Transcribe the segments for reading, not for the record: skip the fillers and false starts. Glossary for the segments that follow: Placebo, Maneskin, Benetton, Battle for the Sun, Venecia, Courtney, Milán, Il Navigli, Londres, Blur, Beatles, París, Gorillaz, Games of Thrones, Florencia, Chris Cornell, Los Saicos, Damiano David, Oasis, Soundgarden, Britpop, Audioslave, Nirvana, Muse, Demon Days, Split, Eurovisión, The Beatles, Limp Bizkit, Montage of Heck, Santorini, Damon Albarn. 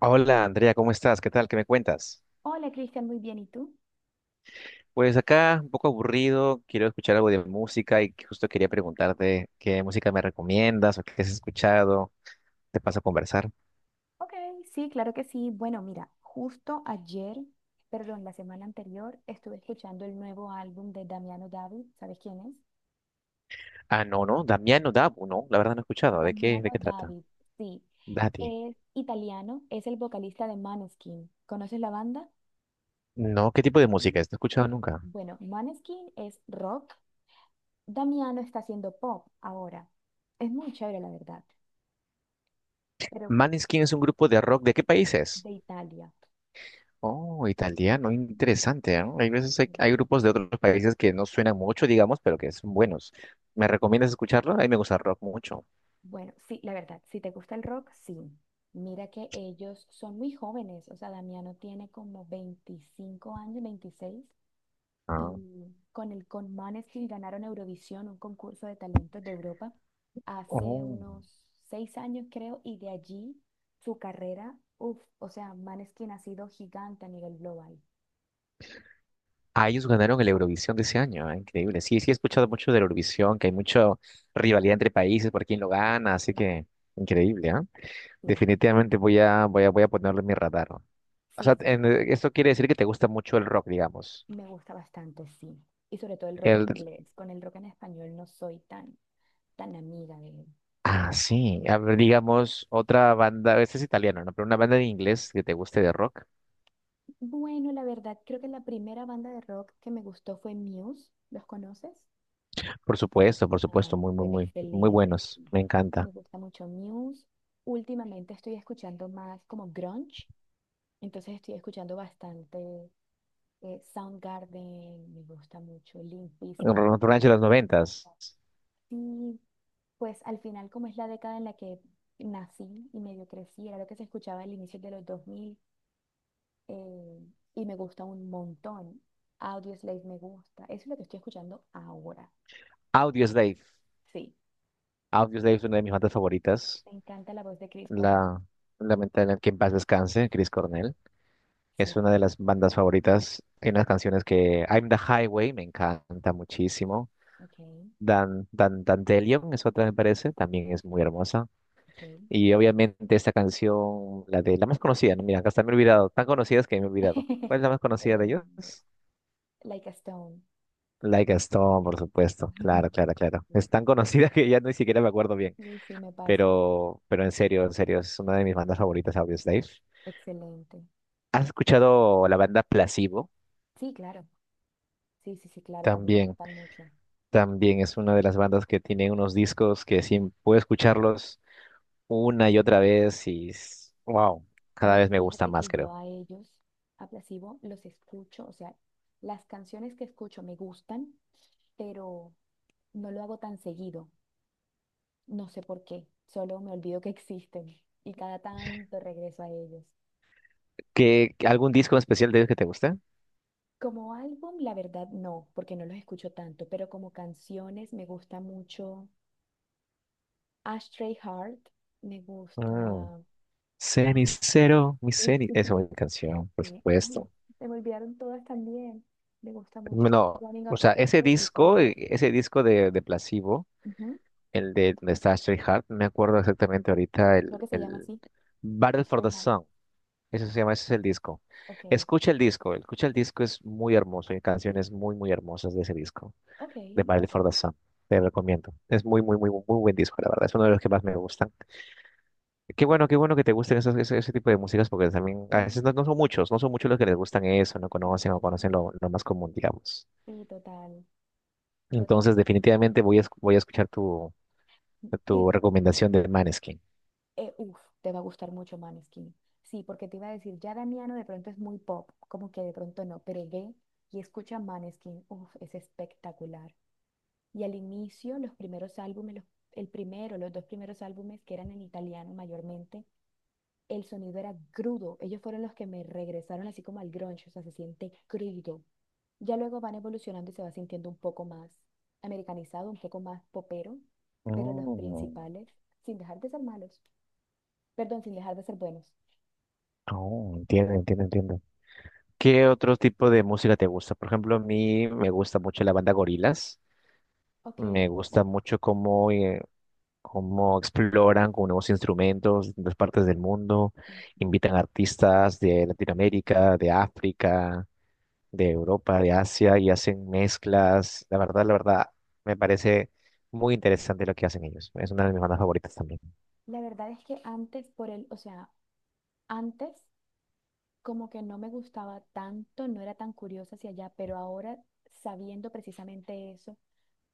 Hola Andrea, ¿cómo estás? ¿Qué tal? ¿Qué me cuentas? Hola Cristian, muy bien. ¿Y tú? Pues acá un poco aburrido, quiero escuchar algo de música y justo quería preguntarte qué música me recomiendas o qué has escuchado. ¿Te paso a conversar? Ok, sí, claro que sí. Bueno, mira, justo ayer, perdón, la semana anterior, estuve escuchando el nuevo álbum de Damiano David. ¿Sabes quién es? Ah, no, no, Damiano Dabu, no, la verdad no he escuchado. De Damiano qué trata? David, sí. Daddy. Es italiano, es el vocalista de Maneskin. ¿Conoces la banda? No, ¿qué tipo de No. música es? No he escuchado nunca. Bueno, Maneskin es rock. Damiano está haciendo pop ahora. Es muy chévere, la verdad. Pero pues, Maneskin es un grupo de rock, ¿de qué países? de Italia. Oh, italiano, interesante, ¿no? Hay veces hay, Ujú. hay grupos de otros países que no suenan mucho, digamos, pero que son buenos. ¿Me recomiendas escucharlo? A mí me gusta el rock mucho. Bueno, sí, la verdad, si te gusta el rock, sí. Mira que ellos son muy jóvenes, o sea, Damiano tiene como 25 años, 26, Ah, y con Måneskin ganaron Eurovisión, un concurso de talentos de Europa, hace oh. unos 6 años, creo, y de allí su carrera, uff, o sea, Måneskin ha sido gigante a nivel global. Ah, ellos ganaron el Eurovisión de ese año, ah, Sí, increíble. Sí, sí he escuchado mucho del Eurovisión, que hay mucha rivalidad entre países por quién lo gana, así que increíble, ¿ah? sí, Definitivamente voy a ponerlo en mi radar. O sí, sea, sí, esto quiere decir que te gusta mucho el rock, digamos. me gusta bastante, sí. Y sobre todo el rock en El, inglés, con el rock en español no soy tan tan amiga de. ah, sí. A ver, digamos, otra banda, este es italiano, ¿no? Pero una banda de inglés que te guste de rock. Bueno, la verdad, creo que la primera banda de rock que me gustó fue Muse. ¿Los conoces? Por Ah, supuesto, muy, muy, bueno, muy, muy excelente. buenos. Sí. Me encanta. Me gusta mucho Muse. Últimamente estoy escuchando más como grunge, entonces estoy escuchando bastante Soundgarden, me gusta mucho Limp Bizkit. Grunge de Entonces, los noventas. sí, pues al final, como es la década en la que nací y medio crecí, era lo que se escuchaba al inicio de los 2000. eh, y me gusta un montón. Audioslave me gusta. Eso es lo que estoy escuchando ahora. Audioslave. Sí, Audioslave es una de mis bandas favoritas. me encanta la voz de Chris Cornell. La Lamentablemente que en paz descanse, Chris Cornell. Es Sí, una de las bandas favoritas. Hay unas canciones que I'm the Highway me encanta muchísimo. ok, Dan, Dandelion es otra, me parece, también es muy hermosa. ok. Y obviamente esta canción, la de la más conocida, ¿no? Mira, hasta me he olvidado, tan conocidas que me he olvidado. ¿Cuál es la más conocida de Eh, ellos? Like a Stone. Like a Stone, por supuesto. Claro, claro, claro. Es tan conocida que ya ni siquiera me acuerdo bien. Sí, sí, me pasa. Pero en serio, es una de mis bandas favoritas, Audioslave. Excelente. ¿Has escuchado la banda Placebo? Sí, claro. Sí, sí, sí, claro, también me También, gustan mucho. también es una de las bandas que tiene unos discos que sí puedo escucharlos una y otra vez wow, cada Bueno, vez me gusta fíjate más, que yo creo. a ellos, a Placebo, los escucho, o sea, las canciones que escucho me gustan, pero no lo hago tan seguido. No sé por qué, solo me olvido que existen y cada tanto regreso a ellos. ¿Qué, algún disco especial de ellos que te guste? Como álbum, la verdad no, porque no los escucho tanto, pero como canciones me gusta mucho Ashtray Heart, me Mm, gusta. Ah, Cenicero, mi sí, cenicero. Esa es mi canción, por sí. Ay, supuesto. se me olvidaron todas también. Me gusta mucho No, Running o Up sea, That Hill, el cover. Ese disco de Placebo, Ujú, el de donde está Stray Heart, me acuerdo ujú. exactamente ahorita Creo el, que se llama el así, Battle for Ashtray the Heart. Sun. Eso se llama, ese es el disco. Ok, Escucha el disco, escucha el disco, es muy hermoso. Hay canciones muy, muy hermosas de ese disco, ok, de lo Battle haré. for the Sun. Te recomiendo. Es muy, muy, muy, muy buen disco, la verdad. Es uno de los que más me gustan. Qué bueno que te gusten esos, ese tipo de músicas, porque también a veces no, Sí, no son muchos, no son muchos los que les gustan eso, no ujú. conocen o conocen lo más común, digamos. Sí, total, total. Entonces, definitivamente voy a escuchar tu Igual. recomendación de Maneskin. Uf, te va a gustar mucho Maneskin. Sí, porque te iba a decir, ya Damiano de pronto es muy pop, como que de pronto no, pero ve y escucha Maneskin. Uf, es espectacular. Y al inicio, los primeros álbumes, el primero, los dos primeros álbumes que eran en italiano mayormente, el sonido era crudo. Ellos fueron los que me regresaron así como al grunge, o sea, se siente crudo. Ya luego van evolucionando y se va sintiendo un poco más americanizado, un poco más popero, pero los Oh, principales, sin dejar de ser malos. Perdón, sin dejar de ser buenos. oh, entiendo, entiendo, entiendo. ¿Qué otro tipo de música te gusta? Por ejemplo, a mí me gusta mucho la banda Gorilas. Ok. Me gusta mucho cómo, cómo exploran con nuevos instrumentos de las partes del mundo. Invitan artistas de Latinoamérica, de África, de Europa, de Asia y hacen mezclas. La verdad, me parece muy interesante lo que hacen ellos. Es una de mis bandas favoritas también. La verdad es que antes por el, o sea, antes como que no me gustaba tanto, no era tan curiosa hacia allá, pero ahora sabiendo precisamente eso,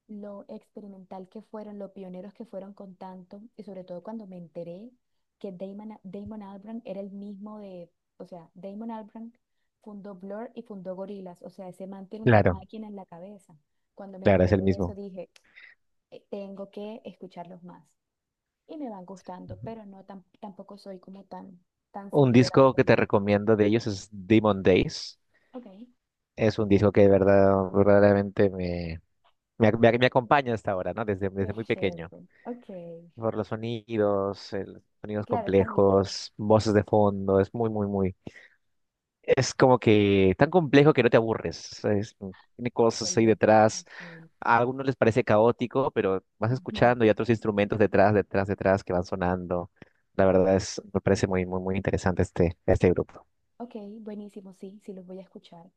lo experimental que fueron, los pioneros que fueron con tanto, y sobre todo cuando me enteré que Damon Albarn era el mismo de, o sea, Damon Albarn fundó Blur y fundó Gorillaz, o sea, ese man tiene una Claro, máquina en la cabeza. Cuando me claro, es enteré el de eso mismo. dije, tengo que escucharlos más. Y me van gustando, pero no tampoco soy como tan, tan Un seguidora de disco que te Corina. recomiendo de ellos es Demon Days. Ok. Es un disco que de verdad, verdaderamente me, me, ac- me me acompaña hasta ahora, ¿no? Desde, Qué desde muy pequeño. chévere. Ok. Por los sonidos, sonidos Claro, es familiar. complejos, voces de fondo, es muy, muy, muy. Es como que tan complejo que no te aburres. Tiene cosas ahí Excelente detrás. definición. A algunos les parece caótico, pero vas escuchando y otros instrumentos detrás, detrás, detrás que van sonando. La verdad es, me parece muy, muy, muy interesante este grupo. Ok, buenísimo, sí, sí los voy a escuchar.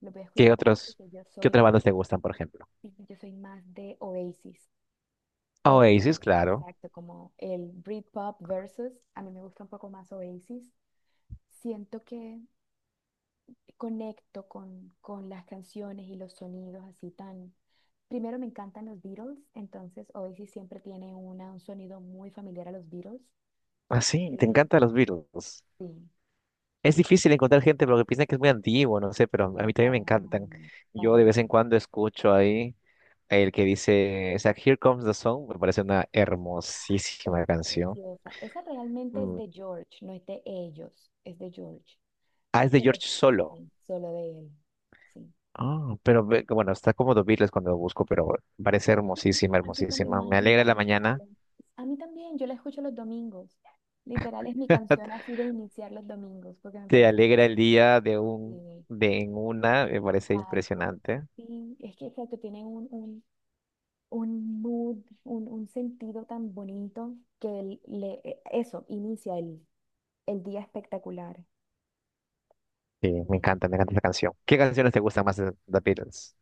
Los voy a ¿Qué escuchar otros, porque yo qué soy otras más, bandas te gustan, por ejemplo? sí, yo soy más de Oasis. Oasis, Oasis, claro. exacto, como el Britpop versus, a mí me gusta un poco más Oasis. Siento que conecto con las canciones y los sonidos así tan. Primero me encantan los Beatles, entonces Oasis siempre tiene un sonido muy familiar a los Beatles. Ah, sí, te Eh, encantan los Beatles. sí, Es difícil encontrar gente porque piensan que es muy antiguo, no sé, pero a mí no, también me para encantan. mí, Yo para de vez mí. en cuando escucho ahí el que dice, o sea, Here Comes the Sun, me parece una Es hermosísima canción. preciosa. Esa realmente es Mm. de George, no es de ellos, es de George, Ah, es de pero es, George Solo. sí, solo de él. Sí. Ah, pero bueno, está como The Beatles cuando lo busco, pero parece Y hermosísima, así como hermosísima. Me Imagine alegra la también mañana, sale. A mí también, yo la escucho los domingos. Literal es mi canción así de iniciar los domingos, porque me te parece alegra el día de un, eh, de en una, me parece tal, impresionante. sí, es que, exacto, tienen un mood, un sentido tan bonito que eso inicia el día espectacular. Sí, De allí. Me encanta esa canción. ¿Qué canciones te gustan más de The Beatles?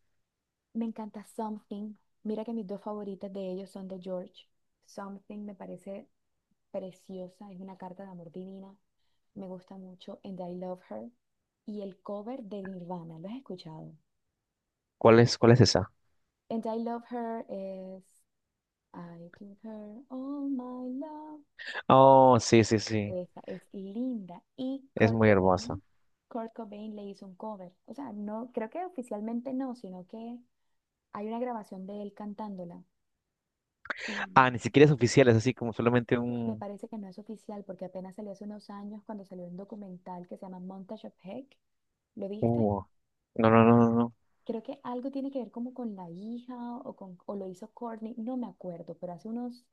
Me encanta Something. Mira que mis dos favoritas de ellos son de George. Something me parece preciosa, es una carta de amor divina. Me gusta mucho And I Love Her. Y el cover de Nirvana, ¿lo has escuchado? Cuál es esa? And I Love Her es I give her all my love. Oh, sí, sí, sí. Esa es linda. Y Es Kurt muy hermosa. Cobain, Kurt Cobain le hizo un cover. O sea, no, creo que oficialmente no, sino que hay una grabación de él cantándola. Y, Ah, ni siquiera es oficial, es así como solamente y me un... parece que no es oficial porque apenas salió hace unos años cuando salió un documental que se llama Montage of Heck. ¿Lo viste? Uh, no, no, no, no, no. Creo que algo tiene que ver como con la hija o, con, o lo hizo Courtney, no me acuerdo, pero hace unos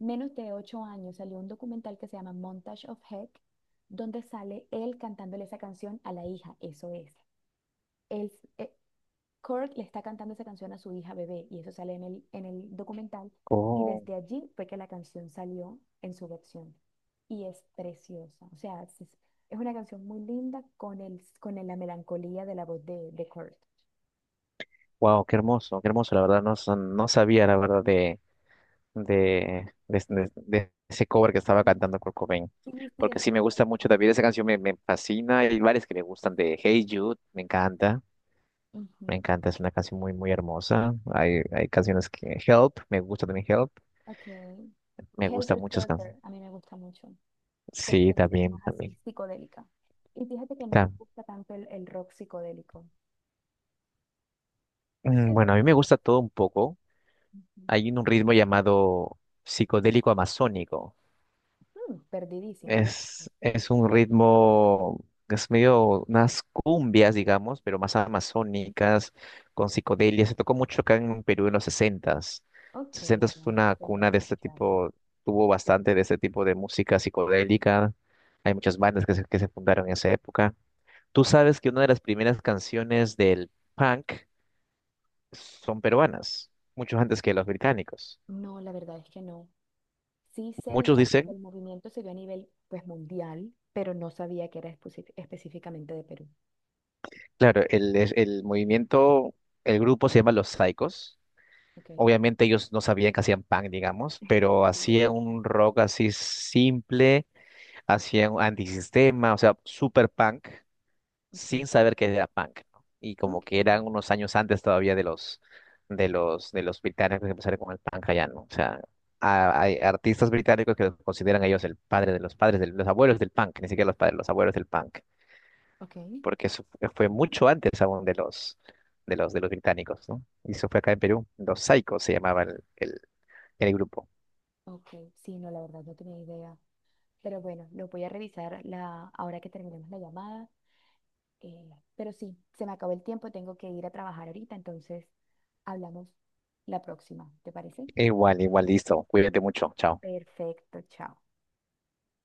menos de 8 años salió un documental que se llama Montage of Heck, donde sale él cantándole esa canción a la hija, eso es. él, eh, Kurt le está cantando esa canción a su hija bebé y eso sale en en el documental y Oh, desde allí fue que la canción salió en su versión y es preciosa, o sea, es una canción muy linda la melancolía de la voz de Kurt. wow, qué hermoso, la verdad. No sabía, la verdad, de ese cover que estaba Ujú. cantando Kurt Cobain. Sí, sí, Porque es sí, me súper gusta mucho extraño. también esa canción, me fascina. Hay varias que me gustan de Hey Jude, me encanta. Me Ujú. encanta, es una canción muy, muy hermosa. Hay canciones que... Help, me gusta también Help. Ok. Me gusta Helter muchas Skelter, canciones. a mí me gusta mucho, porque Sí, es también, más también. así psicodélica. Y fíjate que no me gusta tanto el rock psicodélico, pero Bueno, a esa mí me me gusta. gusta todo un poco. Ujú. Hay un ritmo llamado psicodélico amazónico. Mm, perdidísima. Es un ritmo, es medio unas cumbias, digamos, pero más amazónicas, con psicodelia. Se tocó mucho acá en Perú en los 60s. Ok. 60s fue Bueno, una tendría cuna que de este escucharlo. tipo, tuvo bastante de este tipo de música psicodélica. Hay muchas bandas que se fundaron en esa época. Tú sabes que una de las primeras canciones del punk son peruanas, muchos antes que los británicos. No, la verdad es que no. Sí sé Muchos exacto que dicen, el movimiento se dio a nivel pues mundial, pero no sabía que era específicamente de Perú. claro, el movimiento, el grupo se llama Los Saicos. Ok, Obviamente ellos no sabían que hacían punk, digamos, pero sí, hacían exacto. un rock así simple, hacían un antisistema, o sea, super punk. Ok, Sin saber que era punk, ¿no? Y como ok, que eran unos años antes todavía de los británicos que empezaron con el punk allá, ¿no? O sea, hay artistas británicos que los consideran a ellos el padre de los padres, de los abuelos del punk, ni siquiera los padres, los abuelos del punk, ok, porque eso fue mucho antes aún de los británicos, ¿no? Y eso fue acá en Perú, los Psychos se llamaba el grupo. ok. Sí, no, la verdad no tenía idea. Pero bueno, lo voy a revisar ahora que terminemos la llamada. eh, pero sí, se me acabó el tiempo, tengo que ir a trabajar ahorita, entonces hablamos la próxima, ¿te parece? Igual, igual, listo. Cuídate mucho. Chao. Perfecto, chao.